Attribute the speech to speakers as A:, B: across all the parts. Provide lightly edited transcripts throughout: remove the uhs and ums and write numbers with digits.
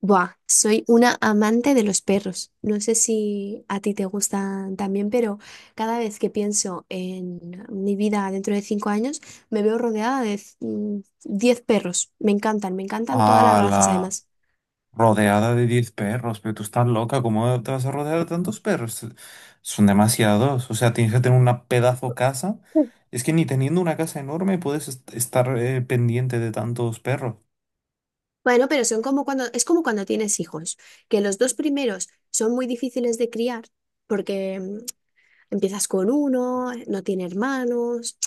A: Buah, soy una amante de los perros. No sé si a ti te gustan también, pero cada vez que pienso en mi vida dentro de 5 años, me veo rodeada de 10 perros. Me encantan todas las
B: A
A: razas
B: la
A: además.
B: rodeada de 10 perros, pero tú estás loca, ¿cómo te vas a rodear de tantos perros? Son demasiados, o sea, tienes que tener una pedazo casa. Es que ni teniendo una casa enorme puedes estar pendiente de tantos perros.
A: Bueno, pero es como cuando tienes hijos, que los dos primeros son muy difíciles de criar, porque empiezas con uno, no tiene hermanos,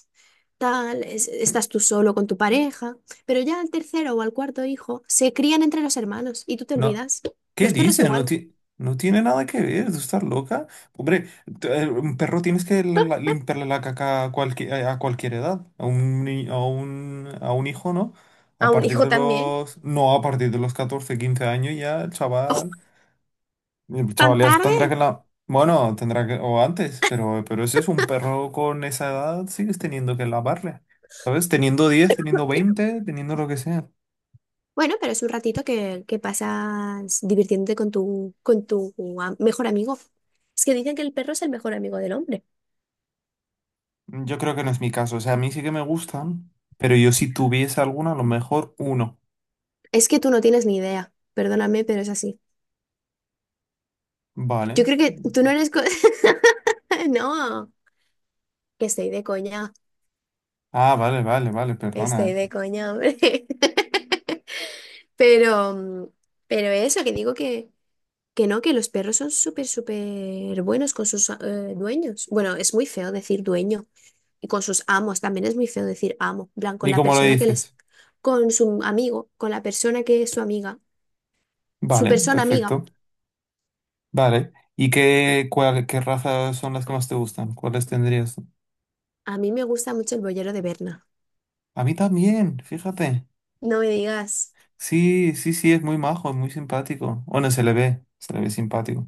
A: tal, estás tú solo con tu pareja, pero ya al tercero o al cuarto hijo se crían entre los hermanos y tú te
B: No.
A: olvidas.
B: ¿Qué
A: Los perros
B: dice? No,
A: igual,
B: no tiene nada que ver, tú estás loca. Hombre, un perro tienes que limpiarle la caca a cualquier a cualquier edad. A un, a un, a un hijo, ¿no? A
A: a un
B: partir
A: hijo
B: de
A: también.
B: los... No, a partir de los 14 15 años ya el chaval... El
A: ¿Tan
B: chaval ya tendrá
A: tarde?
B: que la... Bueno, tendrá que... O antes, pero ese es un perro con esa edad, sigues teniendo que lavarle. ¿Sabes? Teniendo 10, teniendo 20, teniendo lo que sea.
A: Bueno, pero es un ratito que pasas divirtiéndote con tu, con tu mejor amigo. Es que dicen que el perro es el mejor amigo del hombre.
B: Yo creo que no es mi caso. O sea, a mí sí que me gustan, pero yo si tuviese alguna, a lo mejor uno.
A: Es que tú no tienes ni idea, perdóname, pero es así.
B: Vale.
A: Yo creo que tú no eres. No, que estoy de coña.
B: Ah, vale, vale, vale, perdona.
A: Estoy de coña, hombre. Pero, mm, pero eso, que digo que no, que los perros son súper, súper buenos con sus dueños. Bueno, es muy feo decir dueño. Y con sus amos, también es muy feo decir amo. En plan, con
B: ¿Y
A: la
B: cómo lo
A: persona que les.
B: dices?
A: Con su amigo, con la persona que es su amiga. Su
B: Vale,
A: persona amiga.
B: perfecto. Vale. ¿Y qué, qué razas son las que más te gustan? ¿Cuáles tendrías tú?
A: A mí me gusta mucho el boyero de Berna.
B: A mí también, fíjate.
A: No me digas.
B: Sí, sí, sí, es muy majo, es muy simpático. Bueno, se le ve simpático.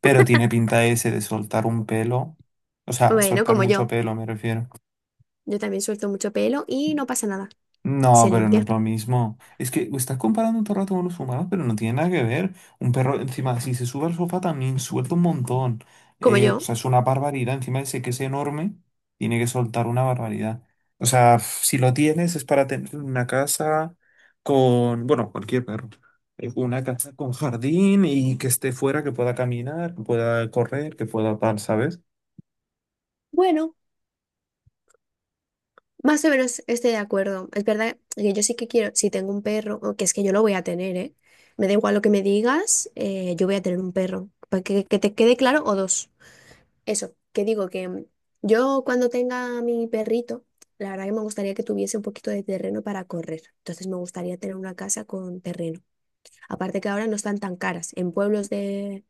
B: Pero tiene pinta ese de soltar un pelo. O sea,
A: Bueno,
B: soltar
A: como
B: mucho
A: yo.
B: pelo, me refiero.
A: Yo también suelto mucho pelo y no pasa nada.
B: No,
A: Se
B: pero no
A: limpia.
B: es lo mismo. Es que estás comparando un rato con los humanos, pero no tiene nada que ver. Un perro, encima, si se sube al sofá también suelta un montón.
A: Como
B: O
A: yo.
B: sea, es una barbaridad. Encima dice que es enorme, tiene que soltar una barbaridad. O sea, si lo tienes es para tener una casa con, bueno, cualquier perro. Una casa con jardín y que esté fuera, que pueda caminar, que pueda correr, que pueda tal, ¿sabes?
A: Bueno. Más o menos estoy de acuerdo. Es verdad que yo sí que quiero, si tengo un perro, o que es que yo lo voy a tener, ¿eh? Me da igual lo que me digas, yo voy a tener un perro. Para que te quede claro o dos. Eso, que digo que yo cuando tenga a mi perrito, la verdad que me gustaría que tuviese un poquito de terreno para correr. Entonces me gustaría tener una casa con terreno. Aparte que ahora no están tan caras. En pueblos de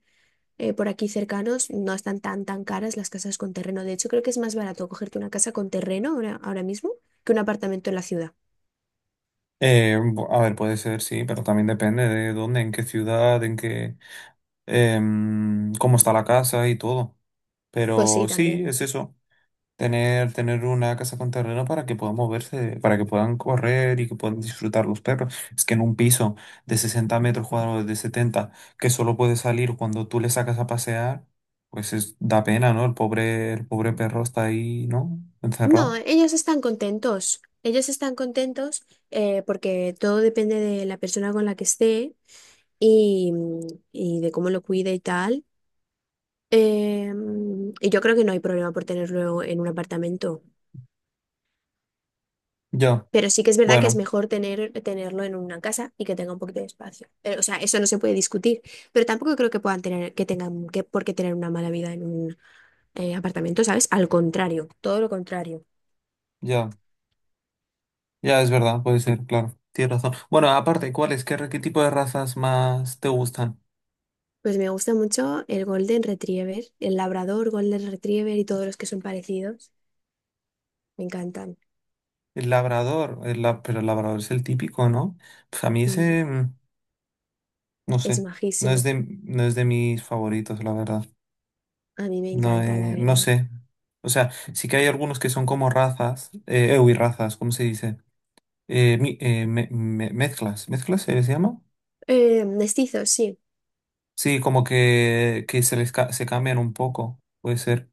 A: por aquí cercanos no están tan, tan caras las casas con terreno. De hecho, creo que es más barato cogerte una casa con terreno ahora mismo que un apartamento en la ciudad.
B: A ver, puede ser, sí, pero también depende de dónde, en qué ciudad, en qué... cómo está la casa y todo.
A: Pues
B: Pero
A: sí,
B: sí,
A: también.
B: es eso, tener una casa con terreno para que puedan moverse, para que puedan correr y que puedan disfrutar los perros. Es que en un piso de 60 metros cuadrados, de 70, que solo puede salir cuando tú le sacas a pasear, pues da pena, ¿no? El pobre perro está ahí, ¿no?
A: No,
B: Encerrado.
A: ellos están contentos. Ellos están contentos porque todo depende de la persona con la que esté y, y de cómo lo cuide y tal. Y yo creo que no hay problema por tenerlo en un apartamento.
B: Ya,
A: Pero sí que es verdad que es
B: bueno,
A: mejor tenerlo en una casa y que tenga un poquito de espacio. Pero, o sea, eso no se puede discutir. Pero tampoco creo que puedan tener, que tengan que, por qué tener una mala vida en un apartamento, ¿sabes? Al contrario, todo lo contrario.
B: ya, ya es verdad, puede ser, claro, tienes razón. Bueno, aparte, ¿cuáles? ¿Qué, qué tipo de razas más te gustan?
A: Pues me gusta mucho el Golden Retriever, el Labrador, Golden Retriever y todos los que son parecidos. Me encantan.
B: El labrador, pero el labrador es el típico, ¿no? Pues a mí
A: Mm,
B: ese, mm, no
A: es
B: sé, no es
A: majísimo.
B: de, no es de mis favoritos, la verdad.
A: A mí me
B: No,
A: encanta, la
B: no
A: verdad.
B: sé. O sea, sí que hay algunos que son como razas, uy, razas, ¿cómo se dice? Mezclas, ¿mezclas se les llama?
A: Mestizos, sí.
B: Sí, como que se les se cambian un poco, puede ser.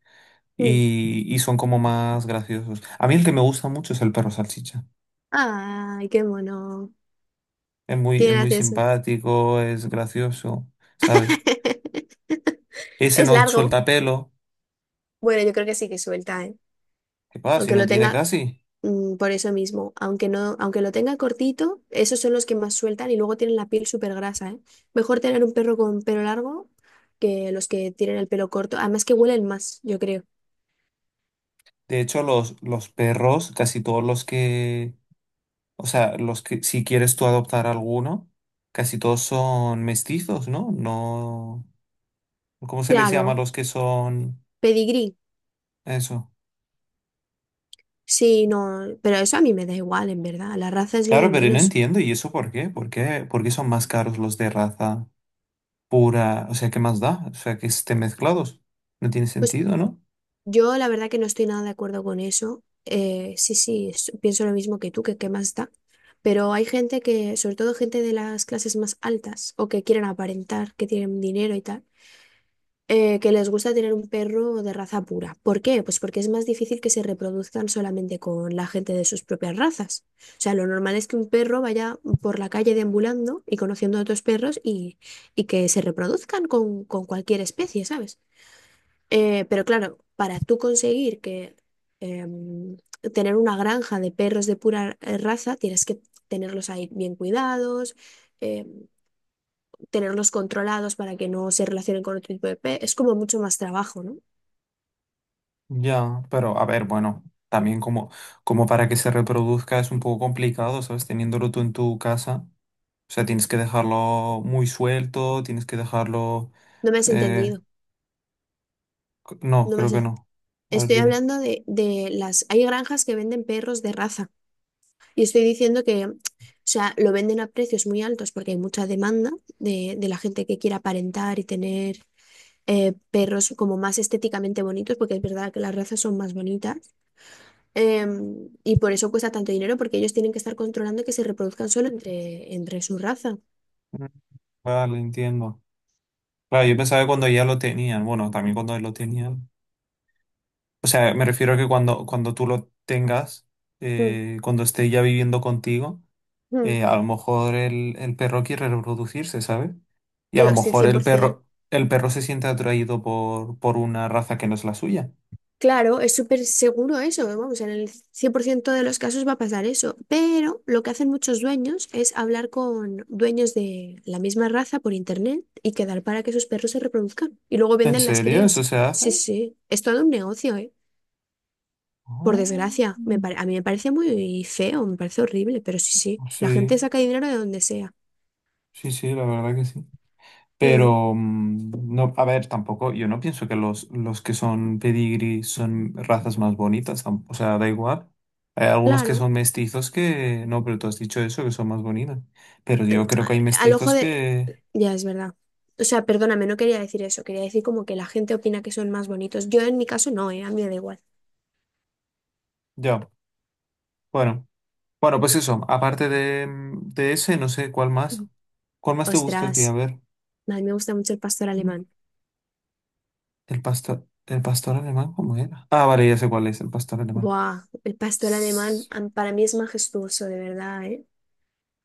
A: Mm.
B: Y son como más graciosos. A mí el que me gusta mucho es el perro salchicha.
A: Ay, qué mono. Qué
B: Es muy
A: gracioso.
B: simpático, es gracioso. ¿Sabes? Ese
A: Es
B: no
A: largo.
B: suelta pelo.
A: Bueno, yo creo que sí que suelta, ¿eh?
B: ¿Qué pasa? Si
A: Aunque
B: no
A: lo
B: tiene
A: tenga,
B: casi.
A: por eso mismo, aunque no, aunque lo tenga cortito, esos son los que más sueltan y luego tienen la piel súper grasa, ¿eh? Mejor tener un perro con pelo largo que los que tienen el pelo corto. Además que huelen más, yo creo.
B: De hecho, los perros, casi todos los que, o sea, los que, si quieres tú adoptar alguno, casi todos son mestizos, ¿no? No, ¿cómo se les llama a
A: Claro,
B: los que son
A: pedigrí.
B: eso?
A: Sí, no, pero eso a mí me da igual, en verdad. La raza es lo
B: Claro,
A: de
B: pero no
A: menos.
B: entiendo, ¿y eso por qué? ¿Por qué? ¿Por qué son más caros los de raza pura? O sea, ¿qué más da? O sea, que estén mezclados. No tiene
A: Pues
B: sentido, ¿no?
A: yo la verdad que no estoy nada de acuerdo con eso. Sí, sí, pienso lo mismo que tú, que qué más da. Pero hay gente que, sobre todo gente de las clases más altas o que quieren aparentar, que tienen dinero y tal, que les gusta tener un perro de raza pura. ¿Por qué? Pues porque es más difícil que se reproduzcan solamente con la gente de sus propias razas. O sea, lo normal es que un perro vaya por la calle deambulando y conociendo a otros perros y que se reproduzcan con, cualquier especie, ¿sabes? Pero claro, para tú conseguir que em, tener una granja de perros de pura raza, tienes que tenerlos ahí bien cuidados, em, tenerlos controlados para que no se relacionen con otro tipo de pe. Es como mucho más trabajo, ¿no?
B: Ya, pero a ver, bueno, también como, como para que se reproduzca es un poco complicado, ¿sabes? Teniéndolo tú en tu casa. O sea, tienes que dejarlo muy suelto, tienes que dejarlo...
A: No me has
B: eh,
A: entendido.
B: no,
A: No me
B: creo
A: has
B: que
A: en-
B: no. A ver,
A: Estoy
B: dime.
A: hablando de las. Hay granjas que venden perros de raza y estoy diciendo que, o sea, lo venden a precios muy altos porque hay mucha demanda de la gente que quiere aparentar y tener perros como más estéticamente bonitos, porque es verdad que las razas son más bonitas, y por eso cuesta tanto dinero, porque ellos tienen que estar controlando que se reproduzcan solo entre su raza.
B: Mm. Vale, entiendo. Claro, yo pensaba que cuando ya lo tenían, bueno, también cuando lo tenían. O sea, me refiero a que cuando tú lo tengas,
A: Mm,
B: cuando esté ya viviendo contigo.
A: mm.
B: A lo mejor el perro quiere reproducirse, ¿sabes? Y a lo
A: Yo, sí,
B: mejor
A: 100%.
B: el perro se siente atraído por una raza que no es la suya.
A: Claro, es súper seguro eso, ¿eh? Vamos, en el 100% de los casos va a pasar eso, pero lo que hacen muchos dueños es hablar con dueños de la misma raza por internet y quedar para que sus perros se reproduzcan y luego
B: ¿En
A: venden las
B: serio? ¿Eso
A: crías.
B: se hace?
A: Sí, sí, es todo un negocio, ¿eh? Por
B: Oh,
A: desgracia, a mí me parece muy feo, me parece horrible, pero sí, sí, la gente
B: sí,
A: saca dinero de donde sea.
B: sí, sí, la verdad que sí.
A: Mm,
B: Pero, mm, no, a ver, tampoco, yo no pienso que los que son pedigrí son razas más bonitas, o sea, da igual. Hay algunos que
A: claro,
B: son mestizos que, no, pero tú has dicho eso, que son más bonitas. Pero yo creo que hay
A: a- al ojo
B: mestizos
A: de.
B: que,
A: Ya es verdad. O sea, perdóname, no quería decir eso, quería decir como que la gente opina que son más bonitos. Yo en mi caso no, ¿eh? A mí me da igual.
B: ya, bueno. Bueno, pues eso, aparte de, mm, de ese, no sé cuál más.
A: Mm.
B: ¿Cuál más te gustó el tío? A
A: Ostras,
B: ver,
A: a mí me gusta mucho el pastor alemán.
B: el pastor alemán, ¿cómo era? Ah, vale, ya sé cuál es, el pastor alemán.
A: Buah, el pastor alemán
B: S-
A: para mí es majestuoso, de verdad, ¿eh?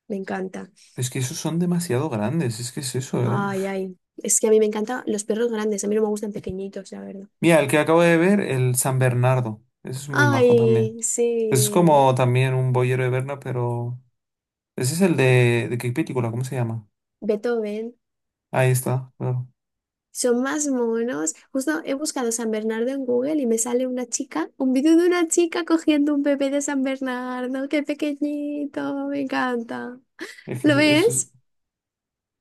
A: Me encanta.
B: Es que esos son demasiado grandes, es que es eso, ¿eh?
A: Ay,
B: Uf.
A: ay. Es que a mí me encantan los perros grandes, a mí no me gustan pequeñitos, la verdad.
B: Mira, el que acabo de ver, el San Bernardo. Ese es muy majo también.
A: Ay,
B: Pues es
A: sí.
B: como también un boyero de Berna, pero. Ese es el de. ¿De qué película? ¿Cómo se llama?
A: Beethoven,
B: Ahí está, claro.
A: son más monos. Justo he buscado San Bernardo en Google y me sale una chica, un vídeo de una chica cogiendo un bebé de San Bernardo, qué pequeñito, me encanta.
B: Es que
A: ¿Lo
B: eso.
A: ves?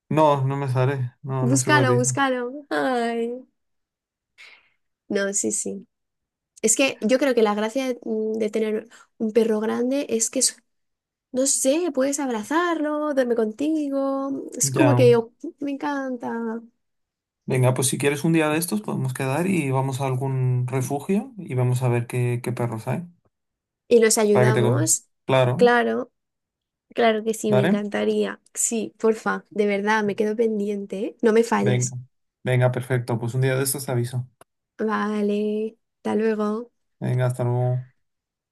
B: No, no me sale. No, no sé cuál
A: Búscalo,
B: dice.
A: búscalo. Ay. No, sí, sí. Es que yo creo que la gracia de, de tener un perro grande es que no sé, puedes abrazarlo, duerme contigo, es como
B: Ya.
A: que oh, me encanta.
B: Venga, pues si quieres un día de estos podemos quedar y vamos a algún refugio y vamos a ver qué, qué perros hay.
A: Y nos
B: Para que te coja.
A: ayudamos,
B: Claro,
A: claro. Claro que sí, me
B: ¿vale?
A: encantaría. Sí, porfa, de verdad, me quedo pendiente, ¿eh? No me
B: Venga.
A: falles.
B: Venga, perfecto. Pues un día de estos te aviso.
A: Vale, hasta luego.
B: Venga, hasta luego.